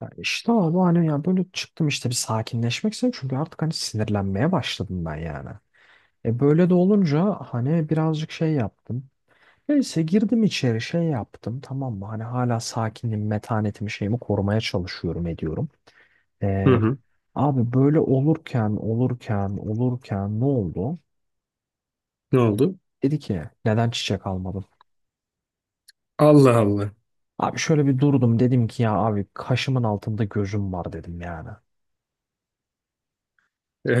Ya işte abi hani ya böyle çıktım işte bir sakinleşmek istedim çünkü artık hani sinirlenmeye başladım ben yani. E böyle de olunca hani birazcık şey yaptım. Neyse girdim içeri şey yaptım, tamam mı, hani hala sakinliğimi, metanetimi, şeyimi korumaya çalışıyorum, ediyorum. Hı E, hı. abi böyle olurken olurken olurken ne oldu? Ne oldu? Dedi ki neden çiçek almadın? Allah Allah. Abi şöyle bir durdum, dedim ki ya abi kaşımın altında gözüm var, dedim yani.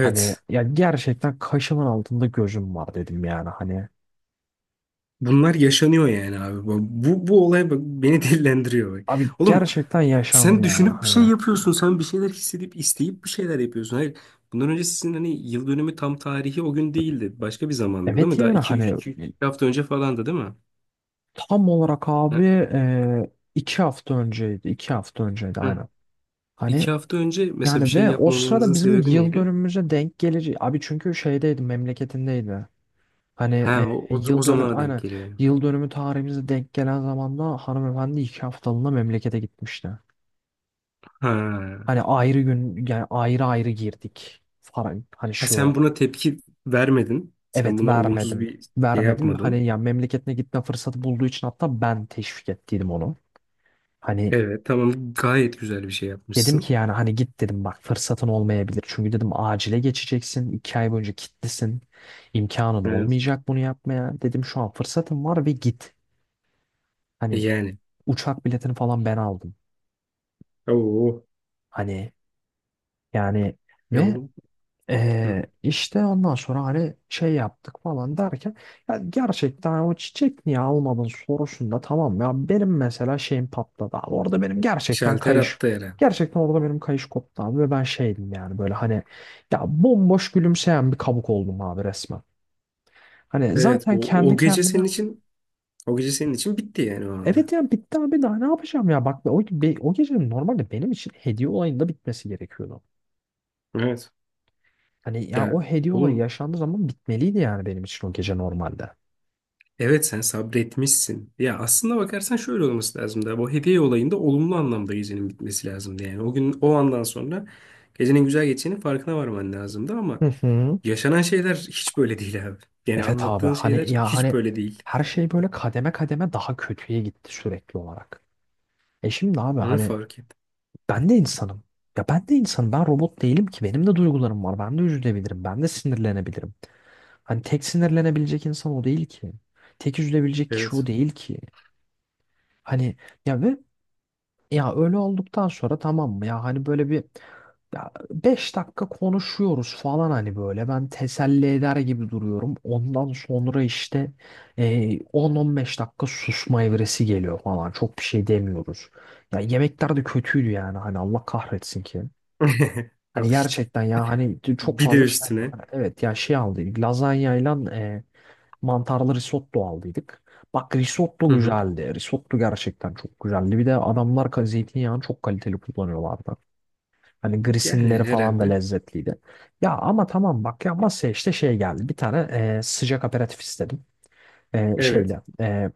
Hani ya gerçekten kaşımın altında gözüm var dedim yani hani. Bunlar yaşanıyor yani abi. Bu olay bak, beni dillendiriyor bak. Abi Oğlum gerçekten yaşandı sen yani düşünüp bir şey hani. yapıyorsun. Sen bir şeyler hissedip isteyip bir şeyler yapıyorsun. Hayır. Bundan önce sizin hani yıl dönümü tam tarihi o gün değildi. Başka bir zamandı değil Evet mi? Daha yani iki, hani iki, iki hafta önce falandı değil mi? tam olarak Ha? abi 2 hafta önceydi. 2 hafta önceydi Ha. aynen. Hani 2 hafta önce mesela bir yani şey ve o yapmamanızın sırada bizim sebebi yıl neydi? dönümümüze denk gelir. Abi çünkü şeydeydi, memleketindeydi. Hani Ha o yıl dönü zamana denk aynen geliyor yani. yıl dönümü tarihimize denk gelen zamanda hanımefendi 2 haftalığına memlekete gitmişti. Ha. Hani ayrı gün yani ayrı ayrı girdik falan hani Ha şu sen buna olarak. tepki vermedin. Sen Evet buna olumsuz vermedim. bir şey Vermedim. Hani yapmadın. ya memleketine gitme fırsatı bulduğu için hatta ben teşvik ettiydim onu. Hani Evet, tamam, gayet güzel bir şey dedim yapmışsın. ki yani hani git dedim, bak fırsatın olmayabilir. Çünkü dedim acile geçeceksin. 2 ay boyunca kilitlisin. İmkanın Evet. olmayacak bunu yapmaya. Dedim şu an fırsatın var ve git. E Hani yani. uçak biletini falan ben aldım. Oo. Hani yani Ya ve oğlum. Hı. İşte ondan sonra hani şey yaptık falan derken ya gerçekten hani o çiçek niye almadın sorusunda tamam ya benim mesela şeyim patladı abi, orada benim gerçekten Şalter kayış, attı herhalde. gerçekten orada benim kayış koptu abi ve ben şeydim yani böyle hani ya bomboş gülümseyen bir kabuk oldum abi resmen. Hani Evet, zaten bu kendi o gece kendime senin için o gece senin için bitti yani o anda. evet ya bitti abi daha ne yapacağım ya bak o gecenin normalde benim için hediye olayında bitmesi gerekiyordu. Evet. Hani ya Ya o hediye olayı oğlum, yaşandığı zaman bitmeliydi yani benim için o gece normalde. evet sen sabretmişsin. Ya aslında bakarsan şöyle olması lazım da bu hediye olayında olumlu anlamda gecenin bitmesi lazımdı yani. O gün o andan sonra gecenin güzel geçeceğinin farkına varman lazımdı Hı ama hı. yaşanan şeyler hiç böyle değil abi. Yani Evet abi anlattığın şeyler hani ya hiç hani böyle değil. her şey böyle kademe kademe daha kötüye gitti sürekli olarak. E şimdi abi Onu hani fark et. ben de insanım. Ya ben de insanım. Ben robot değilim ki. Benim de duygularım var. Ben de üzülebilirim. Ben de sinirlenebilirim. Hani tek sinirlenebilecek insan o değil ki. Tek üzülebilecek kişi o Evet. değil ki. Hani ya ve ya öyle olduktan sonra, tamam mı? Ya hani böyle bir, ya 5 dakika konuşuyoruz falan hani böyle ben teselli eder gibi duruyorum. Ondan sonra işte 10-15 dakika susma evresi geliyor falan. Çok bir şey demiyoruz. Ya yemekler de kötüydü yani hani Allah kahretsin ki. Hani Al işte. gerçekten ya hani çok Bir de fazla şey alma. üstüne. Hani evet ya şey aldıydık lazanyayla mantarlı risotto aldıydık. Bak risotto Hı hı. güzeldi. Risotto gerçekten çok güzeldi. Bir de adamlar zeytinyağını çok kaliteli kullanıyorlardı. Hani Yani grisinileri falan da herhalde. lezzetliydi. Ya ama tamam bak ya masaya işte şey geldi. Bir tane sıcak aperatif istedim. E, Evet. şeyle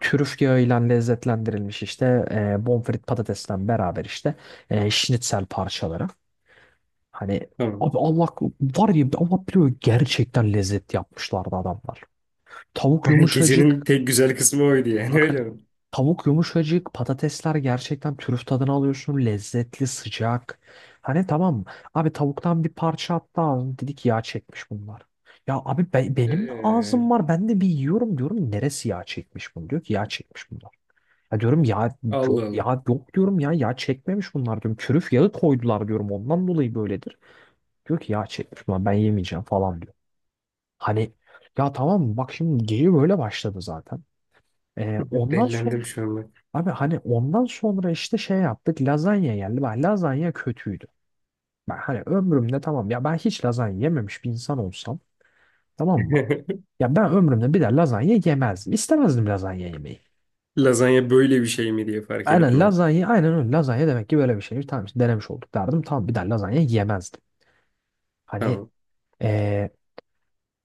trüf yağıyla lezzetlendirilmiş işte bonfrit patatesle beraber işte şnitzel parçaları. Hani Tamam. abi Allah var ya Allah biliyor gerçekten lezzet yapmışlardı adamlar. Tavuk Gecenin yumuşacık. tek güzel kısmı oydu yani Bak hani öyle mi? tavuk yumuşacık, patatesler gerçekten trüf tadını alıyorsun. Lezzetli, sıcak. Hani tamam abi tavuktan bir parça attı ağzım. Dedik yağ çekmiş bunlar. Ya abi benim de Ee, ağzım var. Ben de bir yiyorum diyorum. Neresi yağ çekmiş bunu? Diyor ki yağ çekmiş bunlar. Ya diyorum ya yok Allah Allah. ya yok diyorum ya yağ çekmemiş bunlar diyorum. Trüf yağı koydular diyorum, ondan dolayı böyledir. Diyor ki yağ çekmiş bunlar, ben yemeyeceğim falan diyor. Hani ya tamam bak şimdi geyiği böyle başladı zaten. Ondan sonra Dellendim şu an bak. abi hani ondan sonra işte şey yaptık, lazanya geldi. Bak lazanya kötüydü. Ben hani ömrümde tamam ya ben hiç lazanya yememiş bir insan olsam, tamam mı? Ya ben ömrümde bir de lazanya yemezdim. İstemezdim lazanya yemeyi. Lazanya böyle bir şey mi diye fark edip Aynen ben. lazanya aynen öyle, lazanya demek ki böyle bir şey. Tamam işte denemiş olduk derdim. Tamam bir de lazanya yemezdim. Hani Tamam. eee,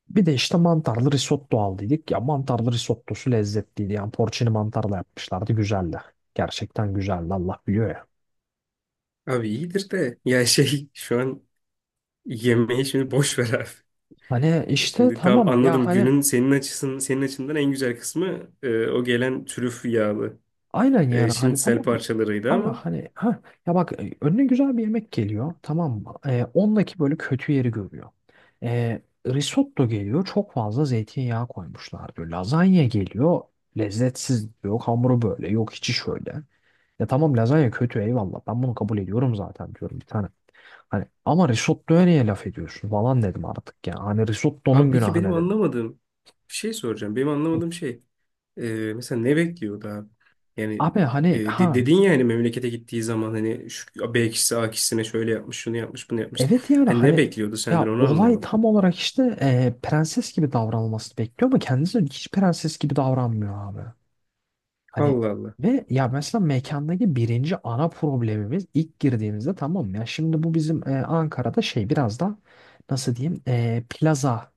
bir de işte mantarlı risotto aldıydık. Ya mantarlı risottosu lezzetliydi. Yani porcini mantarla yapmışlardı, güzeldi. Gerçekten güzeldi Allah biliyor ya. Abi iyidir de ya şey şu an yemeği şimdi boş ver abi. Hani işte Şimdi tamam tamam ya anladım hani günün senin açından en güzel kısmı o gelen trüf yağlı aynen yani hani şinitsel tamam mı? parçalarıydı Abi ama hani ha ya bak önüne güzel bir yemek geliyor, tamam mı? E, ondaki böyle kötü yeri görüyor. E, risotto geliyor çok fazla zeytinyağı koymuşlar diyor. Lazanya geliyor lezzetsiz diyor. Hamuru böyle yok, içi şöyle. Ya tamam lazanya kötü, eyvallah ben bunu kabul ediyorum zaten diyorum bir tane. Hani ama risottoya niye laf ediyorsun falan dedim artık ya. Hani abi risottonun peki günahı benim ne dedim. anlamadığım bir şey soracağım. Benim Hı. anlamadığım şey mesela ne bekliyordu abi? Yani Abi hani ha dedin ya hani memlekete gittiği zaman hani şu B kişisi A kişisine şöyle yapmış, şunu yapmış, bunu yapmış. evet yani Hani ne hani bekliyordu senden ya onu olay anlamadım. tam olarak işte prenses gibi davranılmasını bekliyor ama kendisi hiç prenses gibi davranmıyor abi. Hani Allah Allah. ve ya mesela mekandaki birinci ana problemimiz ilk girdiğimizde, tamam mı? Ya şimdi bu bizim Ankara'da şey biraz da, nasıl diyeyim, plaza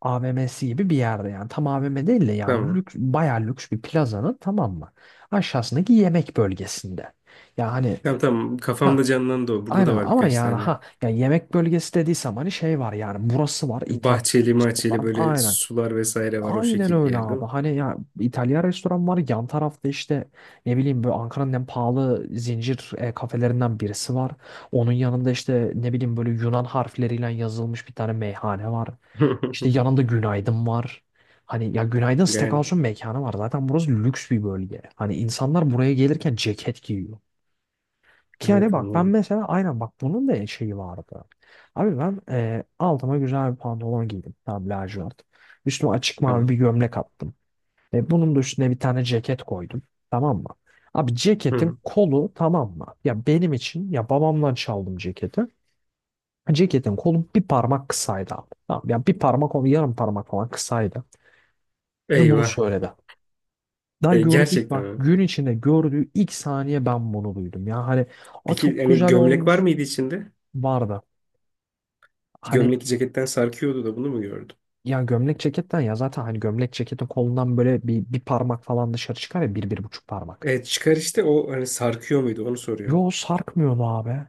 AVM'si gibi bir yerde yani tam AVM değil de yani Tamam. lüks, bayağı lüks bir plazanın, tamam mı? Aşağısındaki yemek bölgesinde. Ya hani Tamam, tamam. ha, Kafamda canlandı o. Burada aynen da var ama birkaç yani tane. ha ya yemek bölgesi dediysem hani şey var yani burası var, İtalyan Bahçeli mahçeli restoran böyle aynen. sular vesaire var o Aynen şekil bir öyle yerde mi? abi. Hani ya İtalyan restoran var yan tarafta, işte ne bileyim böyle Ankara'nın en pahalı zincir kafelerinden birisi var. Onun yanında işte ne bileyim böyle Yunan harfleriyle yazılmış bir tane meyhane var. İşte yanında Günaydın var. Hani ya Günaydın Yani Steakhouse'un mekanı var. Zaten burası lüks bir bölge. Hani insanlar buraya gelirken ceket giyiyor. Ki yani evet bak ben anladım. mesela aynen bak bunun da şeyi vardı. Abi ben altıma güzel bir pantolon giydim. Tam lacivert. Üstüme açık mavi bir Tamam. gömlek attım. E, bunun da üstüne bir tane ceket koydum. Tamam mı? Abi ceketin Hı. kolu, tamam mı? Ya benim için ya babamdan çaldım ceketi. Ceketin kolu bir parmak kısaydı abi. Tamam, ya bir parmak, onu yarım parmak falan kısaydı. Ve bunu Eyvah. söyledi. Daha gördüğü, Gerçekten bak mi? gün içinde gördüğü ilk saniye ben bunu duydum. Ya hani a Peki çok yani güzel gömlek var olmuş mıydı içinde? vardı. Hani Gömlek ceketten sarkıyordu da bunu mu gördüm? ya gömlek ceketten ya zaten hani gömlek ceketin kolundan böyle bir parmak falan dışarı çıkar ya bir bir buçuk parmak. Evet çıkar işte o hani sarkıyor muydu onu soruyor. Yo sarkmıyordu abi.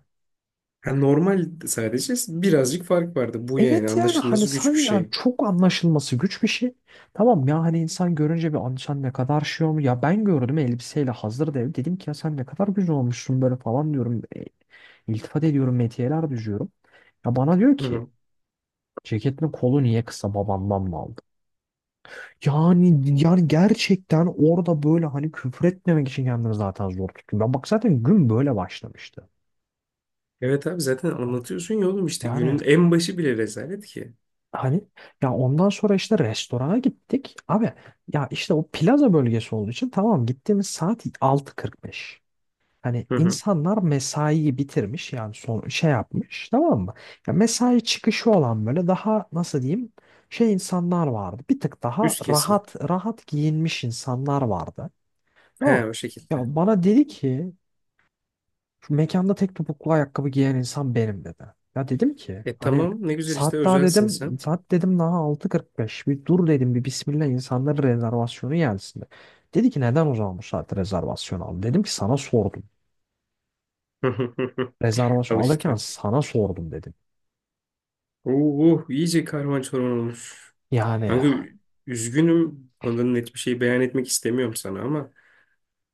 Ha, normal sadece birazcık fark vardı. Bu yani Evet yani hani anlaşılması sen güç bir yani şey. çok anlaşılması güç bir şey. Tamam ya hani insan görünce bir "Abi sen ne kadar şey olmuş." Ya ben gördüm elbiseyle hazır dev. Dedim ki ya sen ne kadar güzel olmuşsun böyle falan diyorum. E, iltifat ediyorum, metiyeler düzüyorum. Ya bana diyor Hı ki hı. ceketin kolu niye kısa, babandan mı aldın? Yani yani gerçekten orada böyle hani küfür etmemek için kendini zaten zor tutuyor. Ben bak zaten gün böyle başlamıştı. Evet abi zaten anlatıyorsun ya oğlum işte günün Yani en başı bile rezalet ki. hani ya ondan sonra işte restorana gittik. Abi ya işte o plaza bölgesi olduğu için, tamam, gittiğimiz saat 6:45. Hani Hı hı. insanlar mesaiyi bitirmiş yani son şey yapmış, tamam mı? Ya mesai çıkışı olan böyle daha nasıl diyeyim, şey insanlar vardı. Bir tık daha Üst kesim. rahat rahat giyinmiş insanlar vardı. He Tamam. o şekilde. Ya bana dedi ki şu mekanda tek topuklu ayakkabı giyen insan benim dedi. Ya dedim ki E hani tamam ne güzel işte saat daha özelsin dedim sen. saat dedim daha 6:45, bir dur dedim, bir Bismillah insanların rezervasyonu gelsin de. Dedi ki neden o zaman bu saatte rezervasyon aldın? Dedim ki sana sordum. Al Rezervasyon alırken işte. sana sordum dedim. Oo, iyice karman çorman olmuş. Yani Kanka üzgünüm. Ondan net bir şey beyan etmek istemiyorum sana ama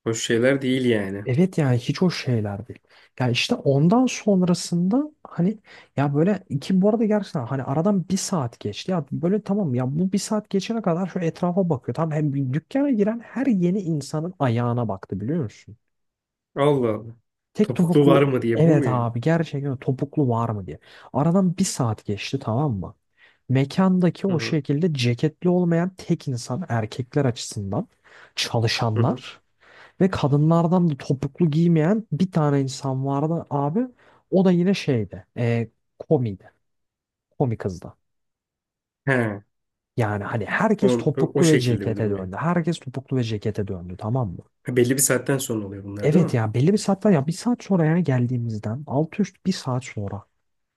hoş şeyler değil yani. evet yani hiç o şeyler değil. Yani işte ondan sonrasında hani ya böyle iki bu arada gerçekten hani aradan bir saat geçti. Ya böyle tamam ya bu bir saat geçene kadar şu etrafa bakıyor. Tamam hem dükkana giren her yeni insanın ayağına baktı biliyor musun? Allah Allah. Tek Topuklu var topuklu, mı diye bu evet mu yani? abi gerçekten topuklu var mı diye. Aradan bir saat geçti, tamam mı? Mekandaki Hı o hı. şekilde ceketli olmayan tek insan erkekler açısından Hı hı. çalışanlar ve kadınlardan da topuklu giymeyen bir tane insan vardı abi. O da yine şeydi. E, komiydi. Komi kızdı. He, Yani hani herkes o, o topuklu ve şekilde bir cekete durum yani. döndü. Herkes topuklu ve cekete döndü, tamam mı? Ha, belli bir saatten sonra oluyor bunlar değil Evet mi? ya belli bir saatten ya bir saat sonra yani geldiğimizden altı üst bir saat sonra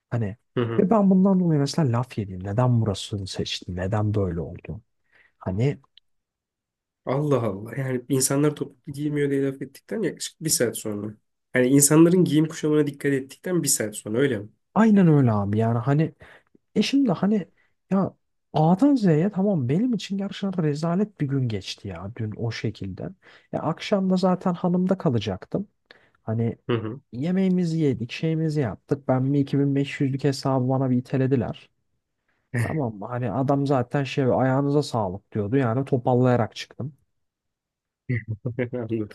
hani Hı ve hı. ben bundan dolayı mesela laf yedim. Neden burasını seçtim? Neden böyle oldu? Hani Allah Allah. Yani insanlar topuklu giymiyor diye laf ettikten yaklaşık bir saat sonra. Yani insanların giyim kuşamına dikkat ettikten bir saat sonra öyle mi? aynen öyle abi yani hani. E şimdi hani ya A'dan Z'ye tamam benim için gerçekten rezalet bir gün geçti ya dün o şekilde. Ya akşam da zaten hanımda kalacaktım. Hani Hı hı. yemeğimizi yedik, şeyimizi yaptık. Ben bir 2500'lük hesabı bana bir itelediler. Tamam mı? Hani adam zaten şey ayağınıza sağlık diyordu. Yani topallayarak çıktım. Anladım.